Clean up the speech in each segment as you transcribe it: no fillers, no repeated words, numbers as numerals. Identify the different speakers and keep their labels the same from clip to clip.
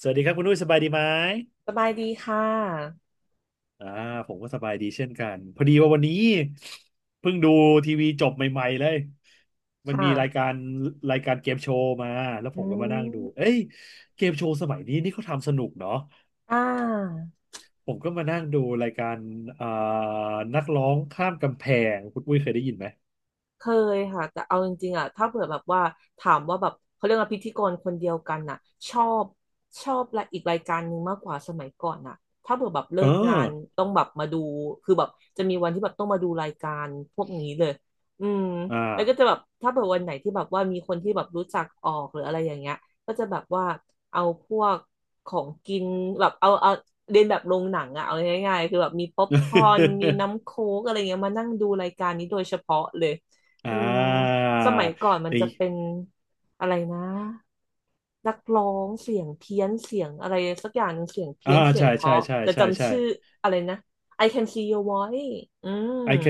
Speaker 1: สวัสดีครับคุณนุ้ยสบายดีไหม
Speaker 2: สบายดีค่ะ
Speaker 1: อ่าผมก็สบายดีเช่นกันพอดีว่าวันนี้เพิ่งดูทีวีจบใหม่ๆเลยมันมีราย
Speaker 2: ค่ะ
Speaker 1: การรายการเกมโชว์มาแล้วผ
Speaker 2: อื
Speaker 1: มก็มานั่งดูเอ้
Speaker 2: ม
Speaker 1: ยเกมโชว์สมัยนี้นี่เขาทำสนุกเนาะ
Speaker 2: อ่า
Speaker 1: ผมก็มานั่งดูรายการอ่านักร้องข้ามกำแพงคุณอุ้ยเคยได้ยินไหม
Speaker 2: เคยค่ะแต่เอาจริงๆอ่ะถ้าเผื่อแบบว่าถามว่าแบบเขาเรียกว่าพิธีกรคนเดียวกันน่ะชอบชอบละอีกรายการหนึ่งมากกว่าสมัยก่อนน่ะถ้าเผื่อแบบ
Speaker 1: เออ
Speaker 2: เลิกงานต้องแบบมาดูคือแบบจะมีวันที่แบบต้องมาดูรายการพวกนี้เลยอืม
Speaker 1: อ่า
Speaker 2: แล้วก็จะแบบถ้าเผื่อวันไหนที่แบบว่ามีคนที่แบบรู้จักออกหรืออะไรอย่างเงี้ยก็จะแบบว่าเอาพวกของกินแบบเอาเรียนแบบโรงหนังอะเอาง่ายๆคือแบบมีป๊อปคอร์นมีน้ำโค้กอะไรเงี้ยมานั่งดูรายการนี้โดยเฉพาะเลย
Speaker 1: อ่
Speaker 2: อืม
Speaker 1: า
Speaker 2: สมัยก่อนมันจะ
Speaker 1: ไอ
Speaker 2: เป็นอะไรนะนักร้องเสียงเพี้ยนเสียงอะไรสักอย่างหนึ่งเสียงเพี้
Speaker 1: อ่า
Speaker 2: ยนเสียง
Speaker 1: ใช่
Speaker 2: เพ
Speaker 1: ใช่
Speaker 2: ราะ
Speaker 1: ใช่
Speaker 2: จะ
Speaker 1: ใช่
Speaker 2: จำ
Speaker 1: ใช่
Speaker 2: ชื่ออะไรนะ I can see your voice อื
Speaker 1: ไอ
Speaker 2: ม
Speaker 1: แค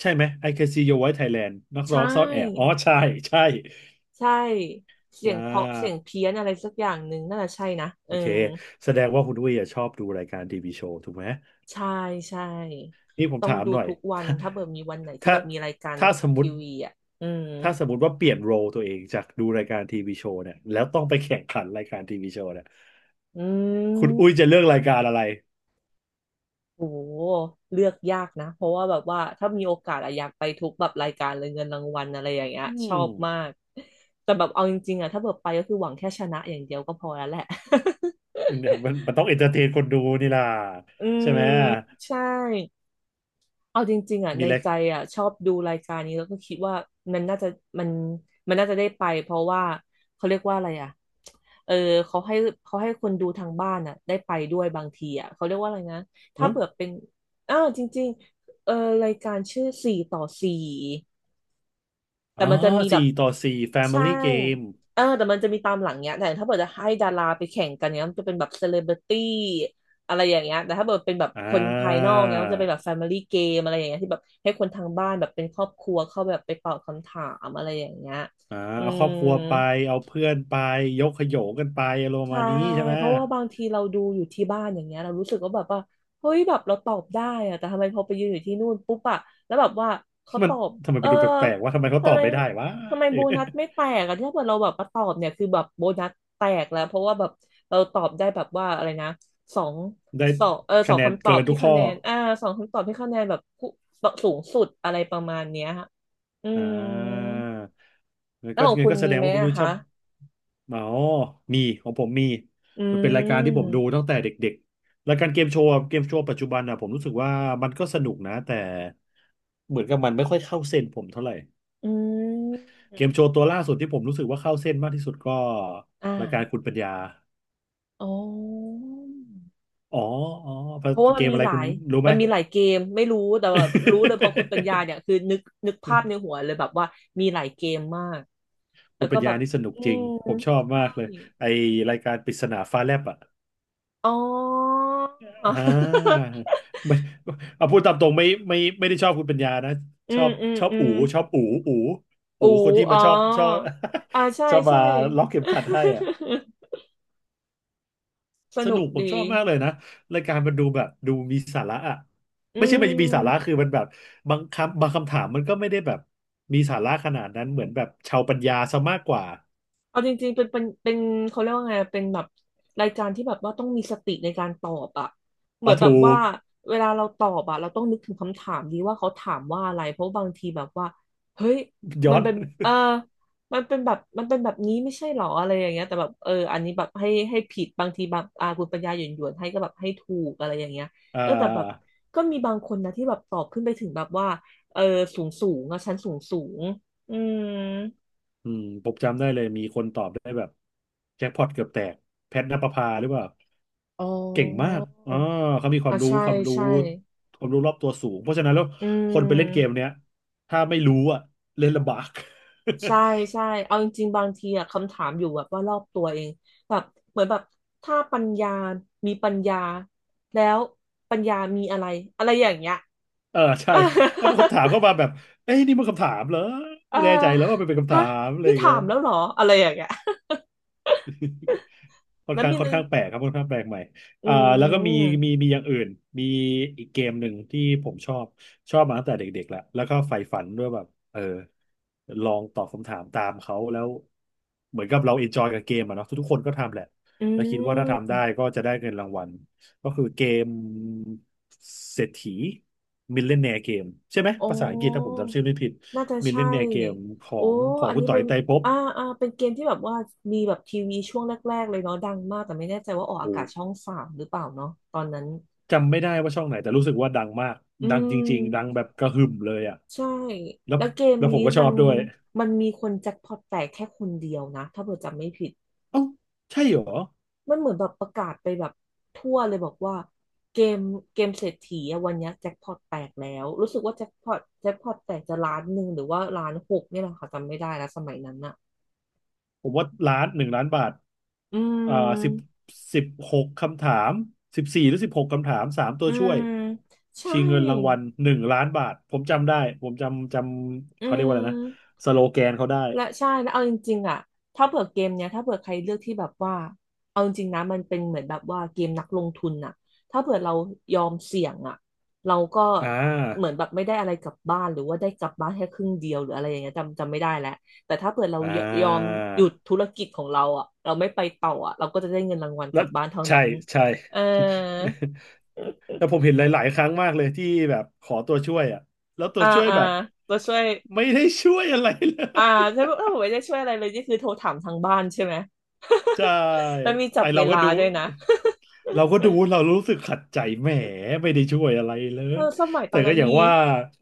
Speaker 1: ใช่ไหมไอแคซีโยไว้ไทยแลนด์นัก
Speaker 2: ใช
Speaker 1: ร้องซ่อนแอบอ๋อ
Speaker 2: ่
Speaker 1: ใช่ ใช่
Speaker 2: ใช่เสี
Speaker 1: อ่
Speaker 2: ยงเพราะเสียง
Speaker 1: า
Speaker 2: เพี้ยนอะไรสักอย่างหนึ่งน่าจะใช่นะเอ
Speaker 1: โอ
Speaker 2: อ
Speaker 1: เคแสดงว่าคุณอุ้ยอะชอบดูรายการทีวีโชว์ถูกไหม
Speaker 2: ใช่ใช่
Speaker 1: นี่ผม
Speaker 2: ต้อง
Speaker 1: ถาม
Speaker 2: ดู
Speaker 1: หน่อย
Speaker 2: ทุกวันถ้าเบิดมีวันไหนที่
Speaker 1: ถ้าถ้า
Speaker 2: แบบมีรายการ
Speaker 1: ถ้าสมม
Speaker 2: ที
Speaker 1: ติ
Speaker 2: วีอ่ะอืม
Speaker 1: ถ้าสมมติว่าเปลี่ยนโรลตัวเองจากดูรายการทีวีโชว์เนี่ยแล้วต้องไปแข่งขันรายการทีวีโชว์เนี่ย
Speaker 2: อืม
Speaker 1: คุณอุ้ยจะเลือกรายการอะไร
Speaker 2: โอ้โหเลือกยากนะเพราะว่าแบบว่าถ้ามีโอกาสอะอยากไปทุกแบบรายการเลยเงินรางวัลอะไรอย่างเงี้ย
Speaker 1: อื
Speaker 2: ชอ
Speaker 1: ม
Speaker 2: บมากแต่แบบเอาจริงๆอะถ้าแบบไปก็คือหวังแค่ชนะอย่างเดียวก็พอแล้วแหละ
Speaker 1: มันมันต้องเอนเตอร์เทนคนดูนี่ล่ะ
Speaker 2: อื
Speaker 1: ใช่ไหม
Speaker 2: มใช่ เอาจริงๆอ่ะ
Speaker 1: มี
Speaker 2: ใน
Speaker 1: อะไร
Speaker 2: ใจอ่ะชอบดูรายการนี้แล้วก็คิดว่ามันน่าจะมันมันน่าจะได้ไปเพราะว่าเขาเรียกว่าอะไรอ่ะเออเขาให้เขาให้คนดูทางบ้านอ่ะได้ไปด้วยบางทีอ่ะเขาเรียกว่าอะไรนะถ้าเผื่อเป็นอ้าวจริงๆเออรายการชื่อสี่ต่อสี่ แต่
Speaker 1: อ๋อ
Speaker 2: มันจะมีแบ
Speaker 1: สี่
Speaker 2: บ
Speaker 1: ต่อสี่
Speaker 2: ใช่
Speaker 1: Family Game
Speaker 2: เออแต่มันจะมีตามหลังเนี้ยแต่ถ้าเกิดจะให้ดาราไปแข่งกันเนี้ยมันจะเป็นแบบเซเลบริตี้อะไรอย่างเงี้ยแต่ถ้าเกิดเป็นแบบ
Speaker 1: อ่
Speaker 2: คนภายนอกเนี้ยมันจะเป็นแบบ
Speaker 1: า
Speaker 2: แฟมิลี่เกมอะไรอย่างเงี้ยที่แบบให้คนทางบ้านแบบเป็นครอบครัวเข้าแบบไปตอบคำถามอะไรอย่างเงี้ย
Speaker 1: อ่า
Speaker 2: อื
Speaker 1: เอาครอบ
Speaker 2: ม
Speaker 1: ครัวไปเอาเพื่อนไปยกขยงกันไปอารมณ์ประ
Speaker 2: ใช่
Speaker 1: มาณนี้ใช่ไหม
Speaker 2: เพราะว่าบางทีเราดูอยู่ที่บ้านอย่างเงี้ยเรารู้สึกว่าแบบว่าเฮ้ยแบบเราตอบได้อะแต่ทำไมพอไปยืนอยู่ที่นู่นปุ๊บอะแล้วแบบว่าเขา
Speaker 1: มั
Speaker 2: ต
Speaker 1: น
Speaker 2: อบ
Speaker 1: ทำไม
Speaker 2: เอ
Speaker 1: ไป
Speaker 2: อ
Speaker 1: ดูแปลกๆว่าทำไมเขาต
Speaker 2: ทำ
Speaker 1: อ
Speaker 2: ไม
Speaker 1: บไม่ได้วะ
Speaker 2: ทำไมโบนัสไม่แตกอะถ้าเกิดเราแบบมาตอบเนี่ยคือแบบโบนัสแตกแล้วเพราะว่าแบบเราตอบได้แบบว่าอะไรนะสอง
Speaker 1: ได้
Speaker 2: ส
Speaker 1: คะ
Speaker 2: อง
Speaker 1: แนน
Speaker 2: คำตอ
Speaker 1: เกิ
Speaker 2: บ
Speaker 1: นทุ
Speaker 2: ที่
Speaker 1: ก
Speaker 2: คะ
Speaker 1: ข้อ
Speaker 2: แนนอ่าสองคำตอบที่คะแนนแบบผู้สูงสุดอะไรประมาณเนี้ยฮะอื
Speaker 1: อ่
Speaker 2: ม
Speaker 1: างั้น
Speaker 2: แล้ว
Speaker 1: ก็
Speaker 2: ของ
Speaker 1: งั้
Speaker 2: คุ
Speaker 1: น
Speaker 2: ณ
Speaker 1: ก็แส
Speaker 2: มี
Speaker 1: ดง
Speaker 2: ไหม
Speaker 1: ว่าคุณ
Speaker 2: อะ
Speaker 1: นุ้ยชอ
Speaker 2: คะ
Speaker 1: บอ๋อมีของผมมี
Speaker 2: อื
Speaker 1: มันเป็นรายการที่ผมดู
Speaker 2: ม
Speaker 1: ตั้งแต่เด็กๆรายการเกมโชว์อะเกมโชว์ปัจจุบันอ่ะผมรู้สึกว่ามันก็สนุกนะแต่เหมือนกับมันไม่ค่อยเข้าเส้นผมเท่าไหร่
Speaker 2: อื
Speaker 1: เก
Speaker 2: ม
Speaker 1: มโชว์ตัวล่าสุดที่ผมรู้สึกว่าเข้าเส้นมากที่สุดก็
Speaker 2: อ่า
Speaker 1: รายการคุณปัญญา
Speaker 2: อ๋อ
Speaker 1: อ๋ออ๋อ
Speaker 2: เพราะว่า
Speaker 1: เก
Speaker 2: มัน
Speaker 1: ม
Speaker 2: มี
Speaker 1: อะไร
Speaker 2: หลา
Speaker 1: คุณ
Speaker 2: ย
Speaker 1: รู้ไห
Speaker 2: มั
Speaker 1: ม
Speaker 2: นมีหลายเกมไม่รู้แต่ว่ารู้เลยพอคุณปัญญาเนี่ยคือนึกภาพในหัวเลยแบบว่ามีหลายเกมมาก แล้
Speaker 1: คุ
Speaker 2: ว
Speaker 1: ณ
Speaker 2: ก็
Speaker 1: ปัญ
Speaker 2: แบ
Speaker 1: ญา
Speaker 2: บ
Speaker 1: นี่สนุก
Speaker 2: อื
Speaker 1: จริง
Speaker 2: ม
Speaker 1: ผมชอบมากเลยไอรายการปริศนาฟ้าแลบอ่ะ
Speaker 2: อ๋อ
Speaker 1: อ่าไม่เอาพูดตามตรงไม่ได้ชอบคุณปัญญานะ
Speaker 2: อื
Speaker 1: ชอ
Speaker 2: ม
Speaker 1: บ
Speaker 2: อืม
Speaker 1: ชอบ
Speaker 2: อื
Speaker 1: อู๋
Speaker 2: ม
Speaker 1: ชอบอู๋อู๋
Speaker 2: อู
Speaker 1: อู๋คนที่
Speaker 2: อ๋
Speaker 1: มา
Speaker 2: อ
Speaker 1: ชอบ
Speaker 2: อ่าใช่
Speaker 1: ชอบมา
Speaker 2: ใช่
Speaker 1: ล็อกเข็มขัดให้อ่ะ
Speaker 2: ส
Speaker 1: ส
Speaker 2: นุ
Speaker 1: นุ
Speaker 2: ก
Speaker 1: กผ
Speaker 2: ดี
Speaker 1: มชอบมากเลยนะรายการมันดูแบบดูมีสาระอ่ะ
Speaker 2: อื
Speaker 1: ไม่ใช่มันมีสา
Speaker 2: ม
Speaker 1: ระคือมันแบบบางคำถามมันก็ไม่ได้แบบมีสาระขนาดนั้นเหมือนแบบชาวปัญญาซะมากกว่า
Speaker 2: เอาจริงๆเป็นเขาเรียกว่าไงเป็นแบบรายการที่แบบว่าต้องมีสติในการตอบอะเหมื
Speaker 1: เอา
Speaker 2: อนแบบ
Speaker 1: ถู
Speaker 2: ว่า
Speaker 1: ก
Speaker 2: เวลาเราตอบอะเราต้องนึกถึงคำถามดีว่าเขาถามว่าอะไรเพราะบางทีแบบว่าเฮ้ย
Speaker 1: ย้อ
Speaker 2: มัน
Speaker 1: น
Speaker 2: เป็นเออมันเป็นแบบมันเป็นแบบนี้ไม่ใช่หรออะไรอย่างเงี้ยแต่แบบเอออันนี้แบบให้ผิดบางทีแบบอาคุณปัญญาหยวนหยวนให้ก็แบบให้ถูกอะไรอย่างเงี้ย
Speaker 1: เอ่อ
Speaker 2: เออแต่แบบก็มีบางคนนะที่แบบตอบขึ้นไปถึงแบบว่าเออสูงสูงอะชั้นสูงสูงอืม
Speaker 1: ผมจำได้เลยมีคนตอบได้แบบแจ็คพอตเกือบแตกแพทณปภาหรือเปล่า
Speaker 2: อ๋อ
Speaker 1: เก่งมากอ๋อเขามี
Speaker 2: อ่ะใช่ใช่
Speaker 1: ความรู้รอบตัวสูงเพราะฉะนั้นแล้ว
Speaker 2: อื
Speaker 1: คนไปเล่นเกม
Speaker 2: ม
Speaker 1: เนี้ยถ้าไม่รู้อ่ะเล่นลำบาก
Speaker 2: ใช่ใช่เอาจริงๆบางทีอะคำถามอยู่แบบว่ารอบตัวเองแบบเหมือนแบบถ้าปัญญามีปัญญาแล้วปัญญามีอะไรอะไรอย่างเงี้ย
Speaker 1: เออใช่เอา คำถามเข้ามาแบบ เอ้ยนี่มันคำถามเหรอ
Speaker 2: เออ
Speaker 1: ไม่แน่ใจแล้วว่ามันเป็นคำถา
Speaker 2: ฮะ
Speaker 1: มอะไร
Speaker 2: นี่
Speaker 1: อย่าง
Speaker 2: ถา
Speaker 1: เงี้ย
Speaker 2: มแล้วเหรออะไรอย่างเงี้ย
Speaker 1: ค่ อน
Speaker 2: แล้ว
Speaker 1: ข้าง
Speaker 2: มี
Speaker 1: ค่อน
Speaker 2: นึง
Speaker 1: ข้างแปลกครับค่อนข้างแปลกใหม่
Speaker 2: อื
Speaker 1: อ่าแล้วก็มีมี
Speaker 2: ม
Speaker 1: มีอย่างอื่นมีอีกเกมหนึ่งที่ผมชอบมาตั้งแต่เด็กๆแล้วก็ใฝ่ฝันด้วยแบบลองตอบคำถามตามเขาแล้วเหมือนกับเราเอนจอยกับเกมอะเนาะทุกๆคนก็ทำแหละ
Speaker 2: อื
Speaker 1: แล้วคิดว่าถ้าทำ
Speaker 2: ม
Speaker 1: ได้ก็จะได้เงินรางวัลก็คือเกมเศรษฐีมิลเลนเนียร์เกมใช่ไหม
Speaker 2: โอ้
Speaker 1: ภาษาอังกฤษถ้าผมจำชื่อไม่ผิด
Speaker 2: น่าจะ
Speaker 1: มิลเล
Speaker 2: ใช่
Speaker 1: นเนียร์เกมขอ
Speaker 2: โอ้
Speaker 1: งของ
Speaker 2: อัน
Speaker 1: คุณ
Speaker 2: นี้
Speaker 1: ต่อ
Speaker 2: เป็
Speaker 1: ย
Speaker 2: น
Speaker 1: ไตรภพ
Speaker 2: อ่าเป็นเกมที่แบบว่ามีแบบทีวีช่วงแรกๆเลยเนาะดังมากแต่ไม่แน่ใจว่าออก
Speaker 1: โอ
Speaker 2: อากาศช่อง
Speaker 1: ้
Speaker 2: สามหรือเปล่าเนาะตอนนั้น
Speaker 1: จำไม่ได้ว่าช่องไหนแต่รู้สึกว่าดังมาก
Speaker 2: อื
Speaker 1: ดังจริงๆดัง
Speaker 2: ม
Speaker 1: แบบกระหึ่มเลยอ่ะ
Speaker 2: ใช่
Speaker 1: แล้ว
Speaker 2: แล้วเกม
Speaker 1: แล้วผ
Speaker 2: นี้
Speaker 1: มก็ช
Speaker 2: มั
Speaker 1: อ
Speaker 2: น
Speaker 1: บด้วย
Speaker 2: มันมีคนแจ็คพอตแตกแค่คนเดียวนะถ้าเผื่อจำไม่ผิด
Speaker 1: เอ้าใช่เหรอ
Speaker 2: มันเหมือนแบบประกาศไปแบบทั่วเลยบอกว่าเกมเกมเศรษฐีอะวันเนี้ยแจ็คพอตแตกแล้ว รู้สึกว่าแจ็คพอตแตกจะล้านหนึ่งหรือว่าล้านหกเนี่ยแหละค่ะจำไม่ได้แล้วสมัยนั้นอะ
Speaker 1: ผมว่าล้านหนึ่งล้านบาท
Speaker 2: อื
Speaker 1: เอ่อสิบ
Speaker 2: ม
Speaker 1: สิบหกคำถาม14 หรือ 16 คำถามสามตัว
Speaker 2: อื
Speaker 1: ช่วย
Speaker 2: มใช่
Speaker 1: ชิงเงินรางวัลหนึ่งล้านบาทผมจำได้ผมจำ
Speaker 2: อื
Speaker 1: เขาเรียกว่าอะไรนะ
Speaker 2: ม
Speaker 1: สโลแกนเขาได้
Speaker 2: และใช่แล้วเอาจริงๆอ่ะถ้าเผื่อเกมเนี้ยถ้าเผื่อใครเลือกที่แบบว่าเอาจริงๆนะมันเป็นเหมือนแบบว่าเกมนักลงทุนน่ะถ้าเผื่อเรายอมเสี่ยงอ่ะเราก็
Speaker 1: อ่า
Speaker 2: เหมือนแบบไม่ได้อะไรกลับบ้านหรือว่าได้กลับบ้านแค่ครึ่งเดียวหรืออะไรอย่างเงี้ยจำไม่ได้แล้วแต่ถ้าเผื่อเรา
Speaker 1: อ่
Speaker 2: ยอม
Speaker 1: า
Speaker 2: หยุดธุรกิจของเราอ่ะเราไม่ไปต่ออ่ะเราก็จะได้เงินรางวัลก
Speaker 1: แล้
Speaker 2: ลั
Speaker 1: ว
Speaker 2: บบ้านเท่านั้
Speaker 1: ใช่
Speaker 2: น
Speaker 1: ใช่
Speaker 2: เออ
Speaker 1: แต่ผมเห็นหลายๆครั้งมากเลยที่แบบขอตัวช่วยอ่ะแล้วตัว
Speaker 2: อ่า
Speaker 1: ช่วย
Speaker 2: อ่า
Speaker 1: แบบ
Speaker 2: ตัวช่วย
Speaker 1: ไม่ได้ช่วยอะไรเล
Speaker 2: อ่า
Speaker 1: ย
Speaker 2: ถ้าผมไม่ได้ช่วยอะไรเลยนี่คือโทรถามทางบ้านใช่ไหม
Speaker 1: ใช่
Speaker 2: แล้ว มีจั
Speaker 1: ไอ
Speaker 2: บเว
Speaker 1: เรา
Speaker 2: ลา
Speaker 1: ก็ดู
Speaker 2: ด้วยนะ
Speaker 1: เราก็ดูเรารู้สึกขัดใจแหมไม่ได้ช่วยอะไรเล
Speaker 2: เอ
Speaker 1: ย
Speaker 2: อสมัยต
Speaker 1: แต่
Speaker 2: อน
Speaker 1: ก็
Speaker 2: นั้น
Speaker 1: อย่าง
Speaker 2: มี
Speaker 1: ว่า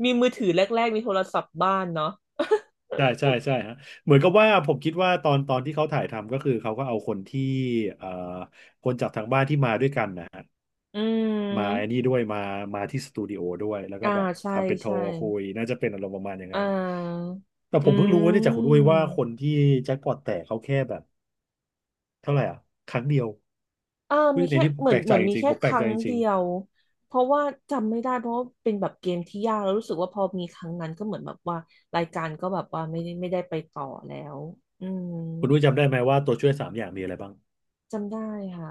Speaker 2: มีมือถือแรกๆมีโทรศัพท์บ้านเนาะ
Speaker 1: ใช่ใช่ใช่ฮะเหมือนกับว่าผมคิดว่าตอนที่เขาถ่ายทำก็คือเขาก็เอาคนที่เอ่อคนจากทางบ้านที่มาด้วยกันนะ
Speaker 2: อื
Speaker 1: มาไอ้
Speaker 2: ม
Speaker 1: นี่ด้วยมาที่สตูดิโอด้วยแล้วก็
Speaker 2: อ่า
Speaker 1: แบบ
Speaker 2: ใช่
Speaker 1: ทำเป็นโทร
Speaker 2: ใช่
Speaker 1: คุยน่าจะเป็นอารมณ์ประมาณอย่าง
Speaker 2: อ่
Speaker 1: นั้น
Speaker 2: า
Speaker 1: แต่
Speaker 2: อื
Speaker 1: ผมเพิ่งรู้ว่าเนี่ยจากคุณด้วย
Speaker 2: ม
Speaker 1: ว่าคนที่แจ็คพอตแตกเขาแค่แบบเท่าไหร่อ่ะครั้งเดียว
Speaker 2: อ่า
Speaker 1: อุ๊
Speaker 2: มี
Speaker 1: ยใน
Speaker 2: แค่
Speaker 1: นี้ผม
Speaker 2: เหมือ
Speaker 1: แป
Speaker 2: น
Speaker 1: ลกใจจ
Speaker 2: มี
Speaker 1: ริง
Speaker 2: แค่
Speaker 1: ๆผม
Speaker 2: ค
Speaker 1: แปลกใจ
Speaker 2: รั้ง
Speaker 1: จริ
Speaker 2: เดี
Speaker 1: ง
Speaker 2: ยวเพราะว่าจำไม่ได้เพราะว่าเป็นแบบเกมที่ยากแล้วรู้สึกว่าพอมีครั้งนั้นก็เหมือนแบบว่ารายการก็แบบว่าไม่ได้ไปต่อแล้วอืม
Speaker 1: ๆคุณด้วยจำได้ไหมว่าตัวช่วยสามอย่างมีอะไรบ้าง
Speaker 2: จำได้ค่ะ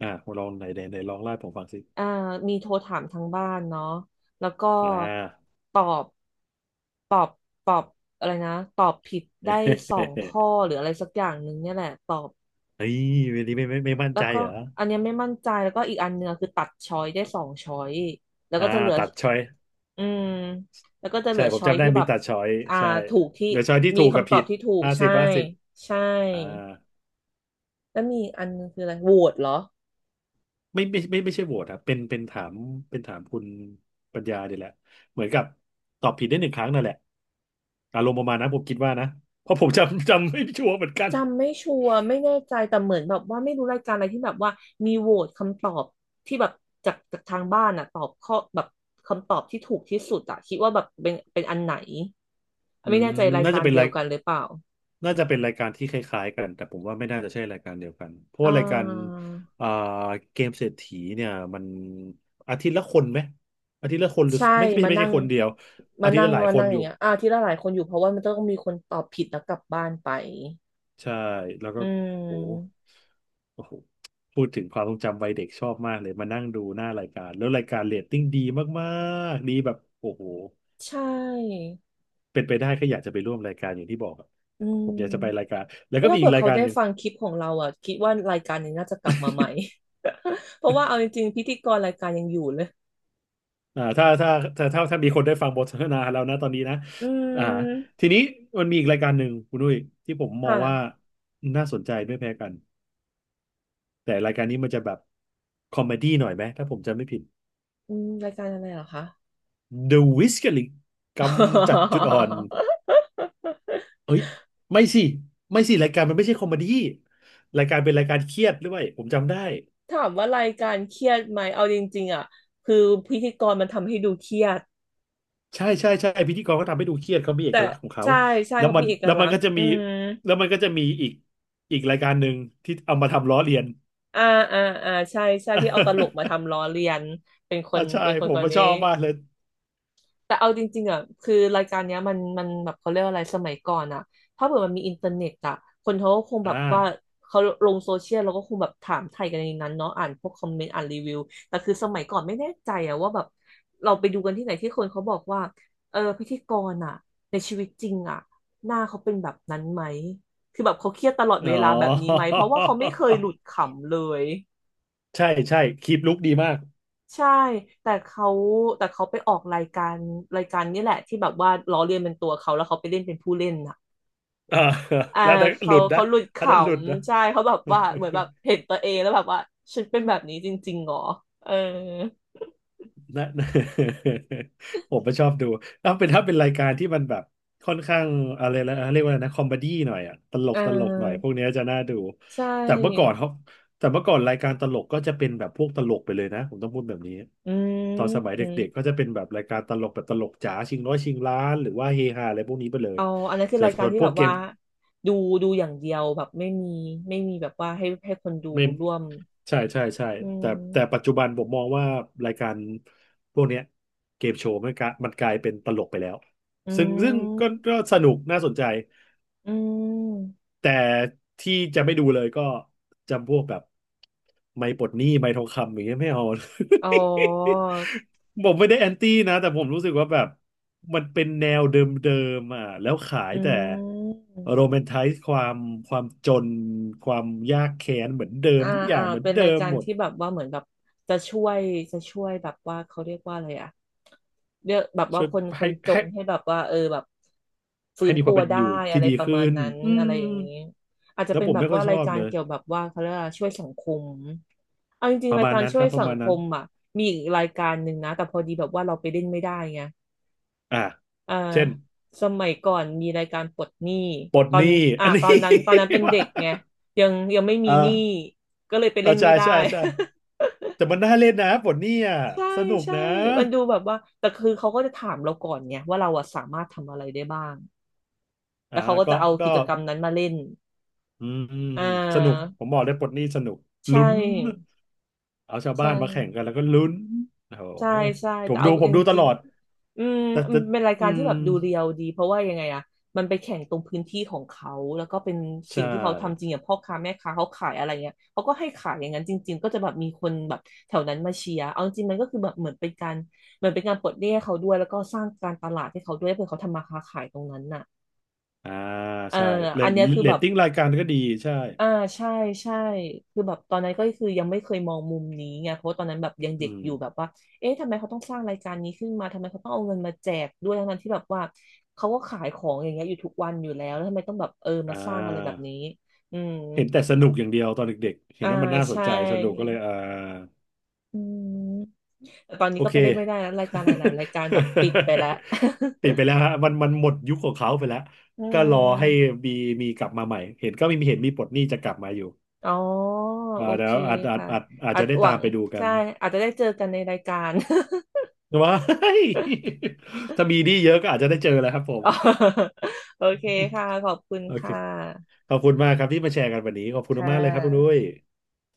Speaker 1: อ่าลองไหนไหนไหนลองไล่าให้ผมฟังสิ
Speaker 2: อ่ามีโทรถามทางบ้านเนาะแล้วก็
Speaker 1: อ่า
Speaker 2: ตอบตอบตอบอะไรนะตอบผิดได้สองข้อ หรืออะไรสักอย่างหนึ่งเนี่ยแหละตอบ
Speaker 1: เฮ้ยวันนี้ไม่ไม่ไม่มั่น
Speaker 2: แล้
Speaker 1: ใจ
Speaker 2: วก็
Speaker 1: เหรอ
Speaker 2: อันเนี้ยไม่มั่นใจแล้วก็อีกอันเนื้อคือตัดช้อยได้สองช้อยแล้ว
Speaker 1: อ่า
Speaker 2: ก็จะเหลือ
Speaker 1: ตัดช้อย
Speaker 2: อืมแล้วก็จะเห
Speaker 1: ใช่
Speaker 2: ลือ
Speaker 1: ผม
Speaker 2: ช้อย
Speaker 1: จำได้
Speaker 2: ที่แบ
Speaker 1: มี
Speaker 2: บ
Speaker 1: ตัดช้อย
Speaker 2: อ่า
Speaker 1: ใช่
Speaker 2: ถูกที่
Speaker 1: เหลือช้อยที่
Speaker 2: มี
Speaker 1: ถูกกับ
Speaker 2: คำตอ
Speaker 1: ผิ
Speaker 2: บ
Speaker 1: ด
Speaker 2: ที่ถูก
Speaker 1: ห้าสิ
Speaker 2: ใช่
Speaker 1: บห้าสิบ
Speaker 2: ใช่
Speaker 1: อ่า
Speaker 2: แล้วมีอีกอันนึงคืออะไรโหวตเหรอ
Speaker 1: ไม่ใช่โหวตครับเป็นถามเป็นถามคุณปัญญาเนี่ยแหละเหมือนกับตอบผิดได้หนึ่งครั้งนั่นแหละอารมณ์ประมาณนั้นผมคิดว่านะเพราะผมจำไม่ชัวร์เหมือนกัน
Speaker 2: จำไม่ชัวร์ไม่แน่ใจแต่เหมือนแบบว่าไม่รู้รายการอะไรที่แบบว่ามีโหวตคำตอบที่แบบจากทางบ้านอ่ะตอบข้อแบบคำตอบที่ถูกที่สุดอ่ะคิดว่าแบบเป็นอันไหน
Speaker 1: อื
Speaker 2: ไม่
Speaker 1: ม
Speaker 2: แน่ใจราย
Speaker 1: น่า
Speaker 2: กา
Speaker 1: จะ
Speaker 2: ร
Speaker 1: เป็น
Speaker 2: เดีย
Speaker 1: ราย
Speaker 2: วกันหรือเปล่า
Speaker 1: น่าจะเป็นรายการที่คล้ายๆกันแต่ผมว่าไม่น่าจะใช่รายการเดียวกันเพราะ
Speaker 2: อ่
Speaker 1: ว่ารายการ
Speaker 2: า
Speaker 1: อ่าเกมเศรษฐีเนี่ยมันอาทิตย์ละคนไหมอาทิตย์ละคนหรือ
Speaker 2: ใช่มา
Speaker 1: ไม่
Speaker 2: นั่
Speaker 1: ใช่
Speaker 2: ง
Speaker 1: คนเดียวอาทิตย์ละหลาย
Speaker 2: มา
Speaker 1: ค
Speaker 2: นั่
Speaker 1: น
Speaker 2: งอ
Speaker 1: อ
Speaker 2: ย่าง
Speaker 1: ยู่
Speaker 2: เงี้ยอ่าที่ละหลายคนอยู่เพราะว่ามันต้องมีคนตอบผิดแล้วกลับบ้านไป
Speaker 1: ใช่แล้วก็
Speaker 2: อื
Speaker 1: โห
Speaker 2: ม
Speaker 1: โอ้โหพูดถึงความทรงจำวัยเด็กชอบมากเลยมานั่งดูหน้ารายการแล้วรายการเรตติ้งดีมากๆดีแบบโอ้โห
Speaker 2: ใช่
Speaker 1: เป็นไปได้ก็อยากจะไปร่วมรายการอย่างที่บอกอะ
Speaker 2: อืม
Speaker 1: ผมอยากจะไปรายการแล้ว
Speaker 2: ไม่
Speaker 1: ก็
Speaker 2: ถ้า
Speaker 1: มีอี
Speaker 2: เผื่
Speaker 1: ก
Speaker 2: อ
Speaker 1: ราย
Speaker 2: เขา
Speaker 1: การ
Speaker 2: ได้
Speaker 1: หนึ่ง
Speaker 2: ฟังคลิปของเราอ่ะคิดว่ารายการนี้น่าจะกลับมาใหม่ เพราะว่าเอาจริงๆพิธีกรรายการยังอยู่เลย
Speaker 1: อ่าถ้าถ้ามีคนได้ฟังบทสนทนาแล้วนะตอนนี้นะ
Speaker 2: อื
Speaker 1: อ่า
Speaker 2: ม
Speaker 1: ทีนี้มันมีอีกรายการหนึ่งคุณนุ้ยที่ผมมองว่า
Speaker 2: ค่ะ
Speaker 1: น่าสนใจไม่แพ้กันแต่รายการนี้มันจะแบบคอมเมดี้หน่อยไหมถ้าผมจำไม่ผิด
Speaker 2: อืมรายการอะไรเหรอคะ
Speaker 1: The Whisker League กำจัดจุดอ่อน เอ้ยไม่สิไม่สิรายการมันไม่ใช่คอมเมดี้รายการเป็นรายการเครียดด้วยผมจำได้
Speaker 2: ถามว่ารายการเครียดไหมเอาจริงๆอ่ะคือพิธีกรมันทำให้ดูเครียด
Speaker 1: ใช่ใช่ใช่พิธีกรก็ทำให้ดูเครียดเขามีเอ
Speaker 2: แต่
Speaker 1: กลักษณ์ของเขา
Speaker 2: ใช่ใช่
Speaker 1: แล้ว
Speaker 2: เขา
Speaker 1: มัน
Speaker 2: มีเอก
Speaker 1: แล้ว
Speaker 2: ลั
Speaker 1: มัน
Speaker 2: กษ
Speaker 1: ก็
Speaker 2: ณ์
Speaker 1: จะ
Speaker 2: อื
Speaker 1: มี
Speaker 2: ม
Speaker 1: แล้วมันก็จะมีอีกรายการหนึ่งที่เอามาทำล้อเลียน
Speaker 2: อ่าอ่าอ่าใช่ใช่ที่เอาตลกมาทำล้อเลียนเป็นค น
Speaker 1: อ่าใช่ผม
Speaker 2: คน
Speaker 1: ก็ช
Speaker 2: นี้
Speaker 1: อบมากเลย
Speaker 2: แต่เอาจริงๆอ่ะคือรายการเนี้ยมันแบบเขาเรียกว่าอะไรสมัยก่อนอ่ะถ้าเกิดมันมีอินเทอร์เน็ตอ่ะคนเขาก็คงแบ
Speaker 1: อ่า
Speaker 2: บว่าเขาลงโซเชียลแล้วก็คงแบบถามไทยกันในนั้นเนาะอ่านพวกคอมเมนต์อ่านรีวิวแต่คือสมัยก่อนไม่แน่ใจอ่ะว่าแบบเราไปดูกันที่ไหนที่คนเขาบอกว่าเออพิธีกรอ่ะในชีวิตจริงอ่ะหน้าเขาเป็นแบบนั้นไหมคือแบบเขาเครียดตลอดเว
Speaker 1: อ๋อ
Speaker 2: ลาแบบนี้ไหมเพราะว่าเขาไม่เคยหลุดขำเลย
Speaker 1: ใช่ใช่คลิปลุกดีมาก
Speaker 2: ใช่แต่เขาแต่เขาไปออกรายการรายการนี่แหละที่แบบว่าล้อเลียนเป็นตัวเขาแล้วเขาไปเล่นเป็นผู้เล่นน่ะ
Speaker 1: อ่า
Speaker 2: อ่า
Speaker 1: แล้วอันนั้นห
Speaker 2: เขา
Speaker 1: ลุดนะ
Speaker 2: เขาหลุดข
Speaker 1: อันนั้นหลุดนะ
Speaker 2: ำใช่เขาแบบว่าเหมือนแบบเห็นตัวเองแล้วแบบว่าฉันเป็นแบบนี้จริงๆเหรอเออ
Speaker 1: นะ ผมก็ชอบดูถ้าเป็นรายการที่มันแบบค่อนข้างอะไรนะเรียกว่าอะไรนะคอมเมดี้หน่อยอะตล
Speaker 2: เ
Speaker 1: กตลกหน่อยพ
Speaker 2: ออ
Speaker 1: วกเนี้ยจะน่าดู
Speaker 2: ใช
Speaker 1: แต่เมื่อก่อ
Speaker 2: ่
Speaker 1: นเขาแต่เมื่อก่อนรายการตลกก็จะเป็นแบบพวกตลกไปเลยนะผมต้องพูดแบบนี้
Speaker 2: อื
Speaker 1: ตอนสมัย
Speaker 2: ม
Speaker 1: เด็กๆก็จะเป็นแบบรายการตลกแบบตลกจ๋าชิงร้อยชิงล้านหรือว่าเฮฮาอะไรพวกนี้ไปเลย
Speaker 2: เอาอันนั้นคือ
Speaker 1: แต่
Speaker 2: รายกา
Speaker 1: ส่
Speaker 2: ร
Speaker 1: วน
Speaker 2: ที่
Speaker 1: พว
Speaker 2: แบ
Speaker 1: ก
Speaker 2: บ
Speaker 1: เก
Speaker 2: ว่า
Speaker 1: ม
Speaker 2: ดูดูอย่างเดียวแบบไม่มีแบบว่าให้คนดู
Speaker 1: ไม่
Speaker 2: ร่วม
Speaker 1: ใช่ใช่ใช่
Speaker 2: อื
Speaker 1: แต่แต่
Speaker 2: ม
Speaker 1: ปัจจุบันผมมองว่ารายการพวกเนี้ยเกมโชว์มันกลายเป็นตลกไปแล้ว
Speaker 2: อื
Speaker 1: ซึ่ง
Speaker 2: ม
Speaker 1: ซึ่งก็สนุกน่าสนใจ
Speaker 2: อืม
Speaker 1: แต่ที่จะไม่ดูเลยก็จำพวกแบบไม่ปลดหนี้ไม่ทองคำอย่างเงี้ยไม่เอา
Speaker 2: อ๋อ
Speaker 1: ผมไม่ได้แอนตี้นะแต่ผมรู้สึกว่าแบบมันเป็นแนวเดิมๆอ่ะแล้วขาย
Speaker 2: อื
Speaker 1: แต่
Speaker 2: ม
Speaker 1: โรแมนไทซ์ความความจนความยากแค้นเหมือนเดิม
Speaker 2: อ่า
Speaker 1: ทุกอ
Speaker 2: อ่า
Speaker 1: ย่างเหมือน
Speaker 2: เป็น
Speaker 1: เดิ
Speaker 2: ราย
Speaker 1: ม
Speaker 2: การ
Speaker 1: หมด
Speaker 2: ที่แบบว่าเหมือนแบบจะช่วยจะช่วยแบบว่าเขาเรียกว่าอะไรอะเรียกแบบว่า
Speaker 1: ช่วย
Speaker 2: คน
Speaker 1: ให้
Speaker 2: จ
Speaker 1: ให้
Speaker 2: นให้แบบว่าเออแบบฟื้
Speaker 1: ให้
Speaker 2: น
Speaker 1: มีค
Speaker 2: ตั
Speaker 1: วาม
Speaker 2: ว
Speaker 1: เป็น
Speaker 2: ได้
Speaker 1: อยู่
Speaker 2: อะ
Speaker 1: ที่
Speaker 2: ไร
Speaker 1: ดี
Speaker 2: ประ
Speaker 1: ขึ้
Speaker 2: มาณ
Speaker 1: น
Speaker 2: นั้น
Speaker 1: อื
Speaker 2: อะไร
Speaker 1: ม
Speaker 2: อย่างนี้อาจจะ
Speaker 1: แล้ว
Speaker 2: เป็น
Speaker 1: ผม
Speaker 2: แบบ
Speaker 1: ไม่ค่อ
Speaker 2: ว่า
Speaker 1: ยช
Speaker 2: รา
Speaker 1: อ
Speaker 2: ย
Speaker 1: บ
Speaker 2: การ
Speaker 1: เลย
Speaker 2: เกี่ยวแบบว่าเขาเรียกว่าช่วยสังคมเอาจริ
Speaker 1: ป
Speaker 2: งๆ
Speaker 1: ระ
Speaker 2: ราย
Speaker 1: มาณ
Speaker 2: การ
Speaker 1: นั้น
Speaker 2: ช่
Speaker 1: ค
Speaker 2: วย
Speaker 1: รับป
Speaker 2: สั
Speaker 1: ระ
Speaker 2: ง
Speaker 1: มาณ
Speaker 2: ค
Speaker 1: นั้น
Speaker 2: มอ่ะมีอีกรายการหนึ่งนะแต่พอดีแบบว่าเราไปเล่นไม่ได้ไง
Speaker 1: อ่า
Speaker 2: อ่า
Speaker 1: เช่น
Speaker 2: สมัยก่อนมีรายการปลดหนี้
Speaker 1: ปลด
Speaker 2: ตอ
Speaker 1: ห
Speaker 2: น
Speaker 1: นี้
Speaker 2: อ่า
Speaker 1: อันนี้
Speaker 2: ตอนนั้นเป็น
Speaker 1: ว่า
Speaker 2: เด็กไงยังไม่มีหนี้
Speaker 1: อ่า
Speaker 2: ก็เลยไป
Speaker 1: อ่า
Speaker 2: เล่น
Speaker 1: ใช่
Speaker 2: ไม่ได้
Speaker 1: ใช่ใช่ แต่มันน่าเล่นนะปลดหนี้อ่ะ
Speaker 2: ใช่
Speaker 1: สนุก
Speaker 2: ใช่
Speaker 1: นะ
Speaker 2: มันดูแบบว่าแต่คือเขาก็จะถามเราก่อนไงว่าเราอะสามารถทำอะไรได้บ้าง
Speaker 1: อ่า
Speaker 2: แล้วเขาก็
Speaker 1: ก็
Speaker 2: จะเอา
Speaker 1: ก็
Speaker 2: กิจกรรมนั้นมาเล่น
Speaker 1: อืม
Speaker 2: อ่
Speaker 1: สนุก
Speaker 2: า
Speaker 1: ผมบอกเลยปลดหนี้สนุก
Speaker 2: ใช
Speaker 1: ลุ้น
Speaker 2: ่
Speaker 1: เอาชาวบ้า
Speaker 2: ใช่
Speaker 1: นมาแข่งกันแล้วก็ลุ้นโอ้
Speaker 2: ใช่
Speaker 1: โห
Speaker 2: ใช่
Speaker 1: ผ
Speaker 2: แต่
Speaker 1: มดู
Speaker 2: เอา
Speaker 1: ผ
Speaker 2: จ
Speaker 1: มดูตล
Speaker 2: ริง
Speaker 1: อด
Speaker 2: ๆอืม
Speaker 1: แต่
Speaker 2: มั
Speaker 1: แต่
Speaker 2: นเป็นราย
Speaker 1: อื
Speaker 2: การที่
Speaker 1: ม
Speaker 2: แบบดูเรียลดีเพราะว่ายังไงอะมันไปแข่งตรงพื้นที่ของเขาแล้วก็เป็นสิ่
Speaker 1: ใช่
Speaker 2: งที่เขาทำจริงอย่างพ่อค้าแม่ค้าเขาขายอะไรเงี้ยเขาก็ให้ขายอย่างนั้นจริงๆก็จะแบบมีคนแบบแถวนั้นมาเชียร์เอาจริงมันก็คือแบบเหมือนเป็นการเหมือนเป็นการปลดหนี้ให้เขาด้วยแล้วก็สร้างการตลาดให้เขาด้วยเพื่อเขาทำมาค้าขายตรงนั้นน่ะ
Speaker 1: อ่า
Speaker 2: เออ
Speaker 1: ใช่เร
Speaker 2: อั
Speaker 1: ต
Speaker 2: นเนี้ยคือ
Speaker 1: เร
Speaker 2: แบ
Speaker 1: ต
Speaker 2: บ
Speaker 1: ติ้งรายการก็ดีใช่
Speaker 2: อ่าใช่ใช่คือแบบตอนนั้นก็คือยังไม่เคยมองมุมนี้ไงเพราะว่าตอนนั้นแบบยัง
Speaker 1: อื
Speaker 2: เด็ก
Speaker 1: ม
Speaker 2: อยู่แบบว่าเอ๊ะทำไมเขาต้องสร้างรายการนี้ขึ้นมาทำไมเขาต้องเอาเงินมาแจกด้วยทั้งนั้นที่แบบว่าเขาก็ขายของอย่างเงี้ยอยู่ทุกวันอยู่แล้วแล้วทำไมต้องแบบเออ
Speaker 1: อ่
Speaker 2: มาสร้างอะไรแบบ
Speaker 1: า
Speaker 2: นี้อืม
Speaker 1: เห็นแต่สนุกอย่างเดียวตอนเด็กๆเห็
Speaker 2: อ่า
Speaker 1: นว่ามันน่าสน
Speaker 2: ใช่
Speaker 1: ใจสนุกก็เลยอ่า
Speaker 2: อืมแต่ตอนนี้
Speaker 1: โอ
Speaker 2: ก็
Speaker 1: เค
Speaker 2: ไปได้ไม่ได้แล้วรายการหลายๆรายการแบบปิดไปแล้ว
Speaker 1: ติดไปแล้วฮะมันหมดยุคของเขาไปแล้ว
Speaker 2: อื
Speaker 1: ก็รอให้
Speaker 2: ม
Speaker 1: มีมีกลับมาใหม่เห็นก็มีเห็นมีปลดหนี้จะกลับมาอยู่
Speaker 2: อ๋อ
Speaker 1: อ่า
Speaker 2: โอ
Speaker 1: เดี๋
Speaker 2: เค
Speaker 1: ยวอาจอาจ
Speaker 2: ค่ะ
Speaker 1: อาจอาจ
Speaker 2: อา
Speaker 1: จะ
Speaker 2: จ
Speaker 1: ได้
Speaker 2: หวั
Speaker 1: ตาม
Speaker 2: ง
Speaker 1: ไปดูกั
Speaker 2: ใช่
Speaker 1: น
Speaker 2: อาจจะได้เจอกันในรายการ
Speaker 1: ว้าย ถ้ามีหนี้เยอะก็อาจจะได้เจอแล้วครับผ ม
Speaker 2: อ๋อโอเคค่ะขอบคุณ
Speaker 1: โอเค
Speaker 2: ค่ะ
Speaker 1: ขอบคุณมากครับที่มาแชร์กันวันนี้ขอบคุณ
Speaker 2: ค่
Speaker 1: มากๆเลยครับคุณนุ้
Speaker 2: ะ
Speaker 1: ย